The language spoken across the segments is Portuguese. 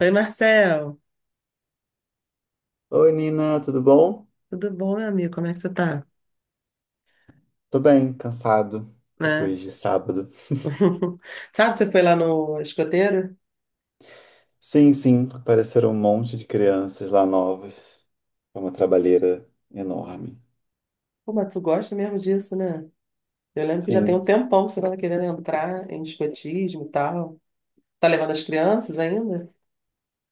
Oi, Marcel. Oi, Nina, tudo bom? Tudo bom, meu amigo? Como é que você tá? Tô bem, cansado Né? depois de sábado. Sabe, você foi lá no escoteiro? Sim, sim, apareceram um monte de crianças lá novas. Foi uma trabalheira enorme. Pô, mas tu gosta mesmo disso, né? Eu lembro que já tem Sim, um tempão que você tava querendo entrar em escotismo e tal. Tá levando as crianças ainda?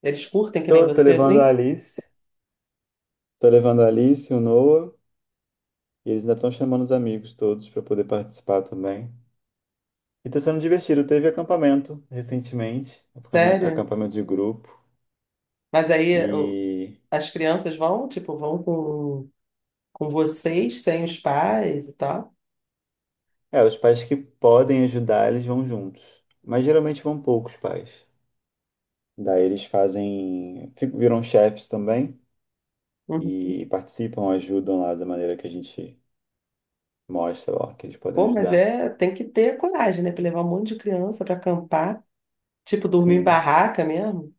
Eles curtem que nem tô, você, assim? Tô levando a Alice, o Noah, e eles ainda estão chamando os amigos todos para poder participar também. E tá sendo divertido. Teve acampamento recentemente, Sério? acampamento de grupo, Mas aí e as crianças vão, tipo, vão com vocês, sem os pais e tal? é, os pais que podem ajudar, eles vão juntos. Mas geralmente vão poucos pais. Daí eles fazem, viram chefes também Uhum. e participam, ajudam lá da maneira que a gente mostra, ó, que eles podem Pô, mas ajudar. é, tem que ter coragem, né? Pra levar um monte de criança pra acampar, tipo, dormir em Sim. barraca mesmo.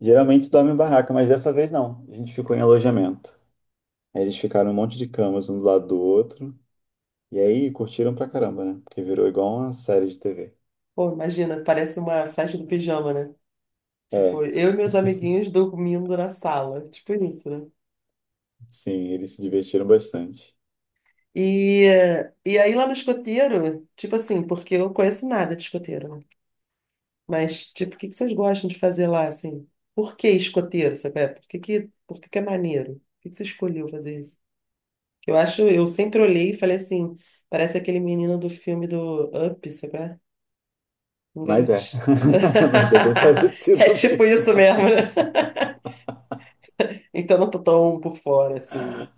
Geralmente dorme em barraca, mas dessa vez não. A gente ficou em alojamento. Aí eles ficaram um monte de camas um do lado do outro. E aí curtiram pra caramba, né? Porque virou igual uma série de TV. Pô, imagina, parece uma festa do pijama, né? É, Tipo, eu e meus amiguinhos dormindo na sala, tipo isso, né? sim, eles se divertiram bastante. E, e aí lá no escoteiro, tipo assim, porque eu não conheço nada de escoteiro, né? Mas, tipo, o que que vocês gostam de fazer lá, assim? Por que escoteiro, sabe? É, por que que, por que que é maneiro? Por que que você escolheu fazer isso? Eu sempre olhei e falei assim, parece aquele menino do filme do Up, sabe? Um Mas é. garotinho. Mas é bem É parecido tipo mesmo. isso mesmo, né? Então eu não tô tão por fora, assim, né?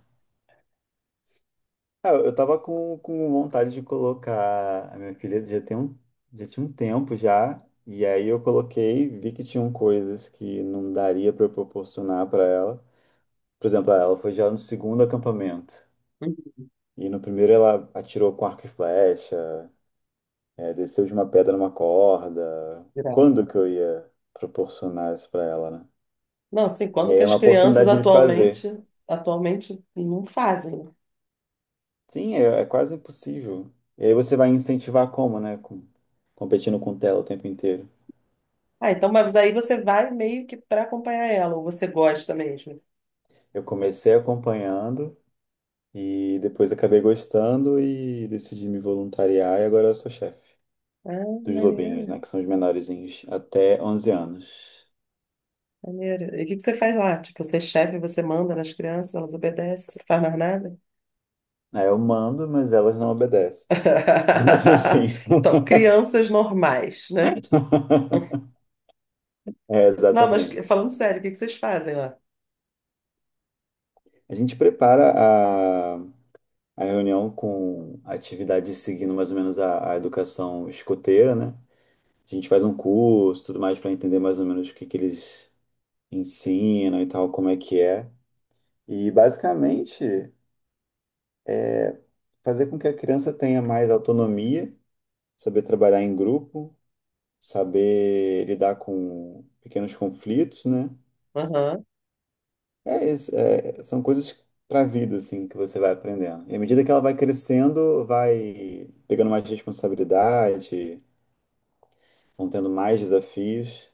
Ah, eu tava com vontade de colocar a minha filha já tinha um tempo já, e aí eu coloquei, vi que tinham coisas que não daria para eu proporcionar para ela. Por exemplo, ah, ela foi já no segundo acampamento, Uhum. e no primeiro ela atirou com arco e flecha, desceu de uma pedra numa corda. Geral. Quando que eu ia proporcionar isso para ela, né? Não, assim, E quando aí que é as uma crianças oportunidade de fazer. atualmente, atualmente não fazem, né? Sim, é quase impossível. E aí você vai incentivar como, né? Com- competindo com tela o tempo inteiro. Ah, então, mas aí você vai meio que para acompanhar ela, ou você gosta mesmo. Eu comecei acompanhando e depois acabei gostando e decidi me voluntariar e agora eu sou chefe Ah, dos lobinhos, maneiro, né, que são os menorzinhos, até 11 anos. maneiro. E o que que você faz lá? Tipo, você é chefe, você manda nas crianças, elas obedecem, você não faz mais nada? Aí eu mando, mas elas não obedecem. Mas enfim. Então, crianças normais, né? É, Não, exatamente. falando sério, o que que vocês fazem lá? A gente prepara a reunião com atividades seguindo mais ou menos a educação escoteira, né? A gente faz um curso, tudo mais, para entender mais ou menos o que que eles ensinam e tal, como é que é. E basicamente fazer com que a criança tenha mais autonomia, saber trabalhar em grupo, saber lidar com pequenos conflitos, né? É isso, é- são coisas para a vida assim que você vai aprendendo. E à medida que ela vai crescendo, vai pegando mais responsabilidade, vão tendo mais desafios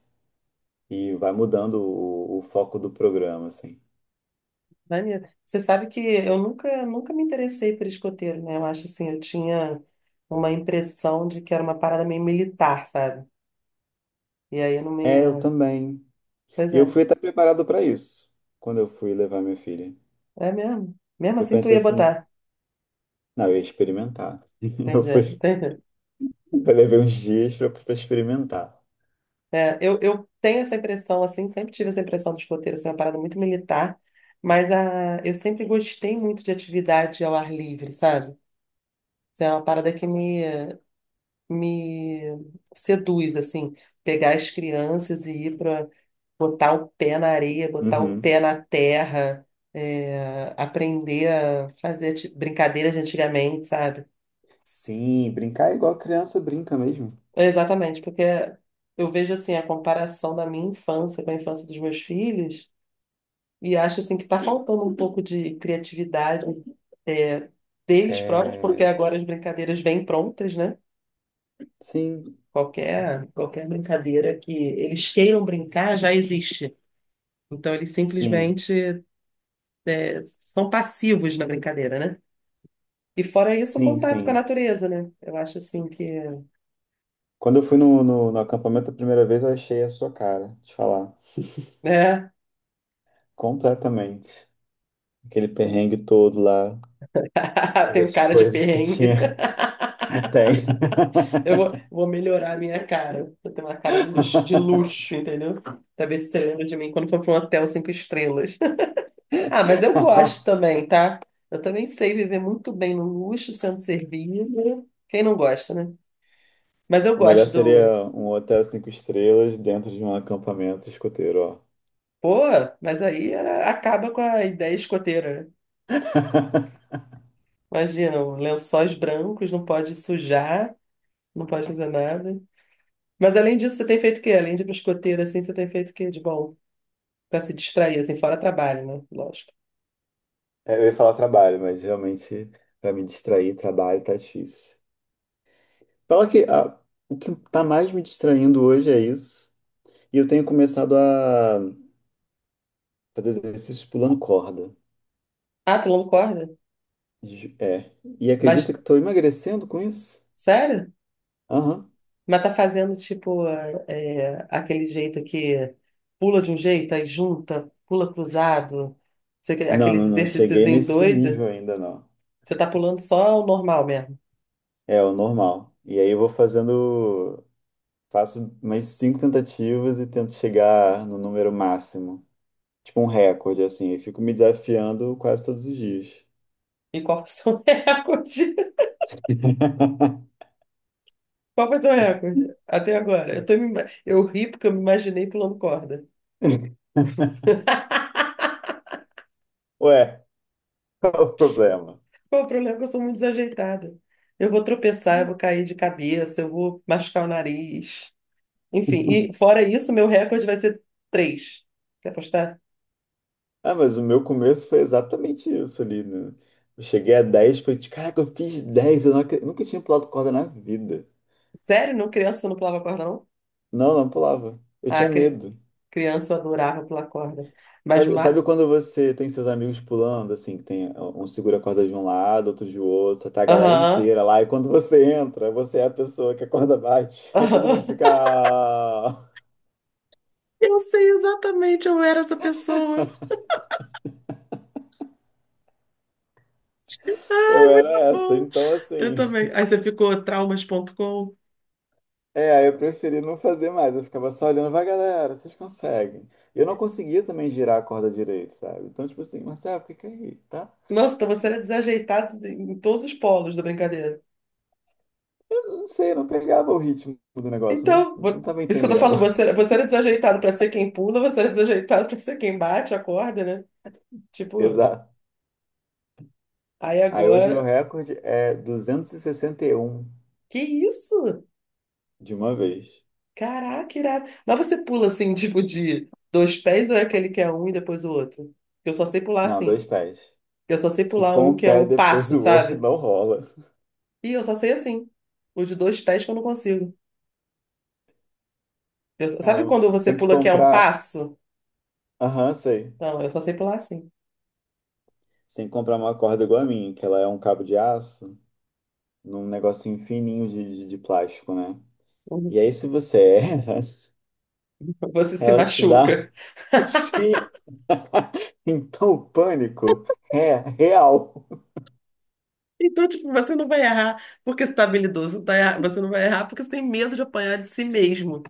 e vai mudando o foco do programa, assim. Maneiro. Você sabe que eu nunca me interessei por escoteiro, né? Eu acho assim, eu tinha uma impressão de que era uma parada meio militar, sabe? E aí eu não É, eu me. também. Pois E eu é, fui até preparado para isso quando eu fui levar minha filha. é mesmo. Mesmo Eu assim, tu pensei ia assim, botar. não, eu ia experimentar. Eu Entendi, fui, entendi. eu levei uns dias pra experimentar. É, eu tenho essa impressão, assim, sempre tive essa impressão do escoteiro, assim, uma parada muito militar, mas a, eu sempre gostei muito de atividade ao ar livre, sabe? Isso é uma parada que me seduz, assim, pegar as crianças e ir para botar o pé na areia, botar o Uhum. pé na terra, é, aprender a fazer brincadeiras de antigamente, sabe? Sim, brincar é igual criança brinca mesmo. É, exatamente, porque eu vejo assim a comparação da minha infância com a infância dos meus filhos e acho assim que está faltando um pouco de criatividade, é, deles próprios, porque É... agora as brincadeiras vêm prontas, né? Sim, Qualquer brincadeira que eles queiram brincar já existe. Então eles sim, simplesmente são passivos na brincadeira, né? E fora isso, o contato com a sim. natureza, né? Eu acho assim que, Quando eu fui no acampamento a primeira vez, eu achei a sua cara, te falar. né? Completamente. Aquele perrengue todo lá, Tenho todas as cara de coisas que perrengue. tinha, tem. Vou melhorar a minha cara. Eu tenho uma cara de luxo, entendeu? Pra ver se você lembra de mim quando for para um hotel cinco estrelas. Ah, mas eu gosto também, tá? Eu também sei viver muito bem no luxo, sendo servido. Quem não gosta, né? Mas eu O melhor gosto do. seria um hotel 5 estrelas dentro de um acampamento escoteiro, ó. Pô, mas acaba com a ideia escoteira, né? Imagina, um lençóis brancos, não pode sujar. Não pode fazer nada. Mas além disso, você tem feito o quê? Além de biscoteiro, assim, você tem feito o quê de bom? Pra se distrair, assim, fora trabalho, né? Lógico. É, eu ia falar trabalho, mas realmente para me distrair, trabalho tá difícil. Fala que ah, o que tá mais me distraindo hoje é isso. E eu tenho começado a fazer exercícios pulando corda. Ah, pulando corda? É. E acredita Mas, que estou emagrecendo com isso? sério? Aham. Mas tá fazendo, tipo, aquele jeito que pula de um jeito, aí junta, pula cruzado. Aqueles Não. exercícios Cheguei em nesse nível doido. ainda, não. Você tá pulando só o normal mesmo. É o normal. E aí eu vou fazendo. Faço mais 5 tentativas e tento chegar no número máximo. Tipo um recorde, assim. E fico me desafiando quase todos os dias. E qual foi o seu recorde? Qual foi o seu recorde? Até agora. Eu, eu ri porque eu me imaginei pulando corda. Ué, qual o problema? Qual o problema é que eu sou muito desajeitada. Eu vou tropeçar, eu vou cair de cabeça, eu vou machucar o nariz. Enfim, e fora isso, meu recorde vai ser três. Quer apostar? Ah, mas o meu começo foi exatamente isso ali, né? Eu cheguei a 10, foi de, caraca, eu fiz 10, eu não nunca tinha pulado corda na vida. Sério? Não, criança não pulava corda, não? Não, não pulava. Eu Ah, tinha medo. criança adorava pular corda. Mas, ma... Sabe quando você tem seus amigos pulando, assim, que tem um segura a corda de um lado, outro de outro, tá a galera Aham, inteira lá, e quando você entra, você é a pessoa que a corda bate, aí todo mundo aham. fica, ah, Eu sei exatamente, eu era essa pessoa. eu era Tá essa, bom, então eu assim. também. Aí você ficou traumas.com. É, aí eu preferi não fazer mais. Eu ficava só olhando, vai, galera, vocês conseguem. E eu não conseguia também girar a corda direito, sabe? Então, tipo assim, Marcelo, fica aí, tá? Nossa, então você era desajeitado em todos os polos da brincadeira. Eu não sei, eu não pegava o ritmo do negócio, não, Então, não por tava isso que eu tô entendendo. falando, você era desajeitado pra ser quem pula, você era desajeitado pra ser quem bate a corda, né? Tipo, Exato. aí Aí hoje meu agora. recorde é duzentos e sessenta e um Que isso? de uma vez. Caraca, irado. Mas você pula assim, tipo, de dois pés ou é aquele que é um e depois o outro? Eu só sei pular Não, dois assim. pés. Eu só sei Se pular for um um que é pé um depois passo, do outro, sabe? não rola. E eu só sei assim. O de dois pés que eu não consigo. Sabe Caramba, quando você você tem que pula que é um comprar. passo? Aham, sei. Não, eu só sei pular assim. Você tem que comprar uma corda igual a minha, que ela é um cabo de aço num negocinho fininho de plástico, né? E aí, se você erra, Você se ela te dá. machuca. Sim! Então, o pânico é real. Então, tipo, você não vai errar porque você está habilidoso, você não vai errar porque você tem medo de apanhar de si mesmo,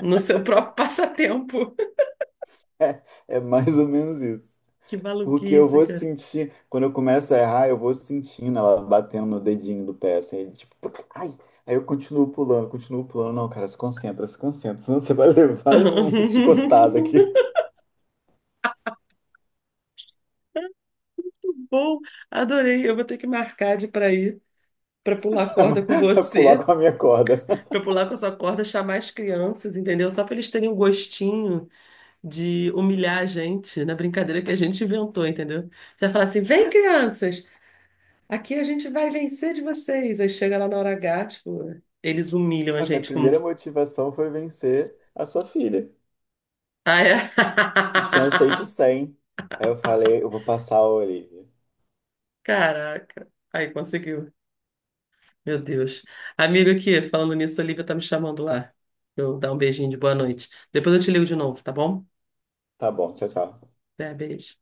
no seu próprio passatempo. É mais ou menos isso. Que Porque eu maluquice, vou cara. sentir, quando eu começo a errar, eu vou sentindo ela batendo no dedinho do pé, assim, tipo, puc, ai. Aí eu continuo pulando, continuo pulando. Não, cara, se concentra, se concentra, senão você vai levar uma chicotada aqui Bom, adorei. Eu vou ter que marcar de para ir, para pular pra corda com pra pular você, com a minha corda. para pular com a sua corda, chamar as crianças, entendeu? Só para eles terem um gostinho de humilhar a gente na brincadeira que a gente inventou, entendeu? Já falar assim: vem, crianças! Aqui a gente vai vencer de vocês. Aí chega lá na hora H, tipo, eles humilham a A minha gente com. primeira motivação foi vencer a sua filha. Ah, é? Que tinha feito 100, aí eu falei, eu vou passar a Olivia. Caraca. Aí conseguiu. Meu Deus. Amigo, aqui, falando nisso, a Olivia tá me chamando lá. Eu vou dar um beijinho de boa noite. Depois eu te ligo de novo, tá bom? Tá bom, tchau, tchau. É, beijo.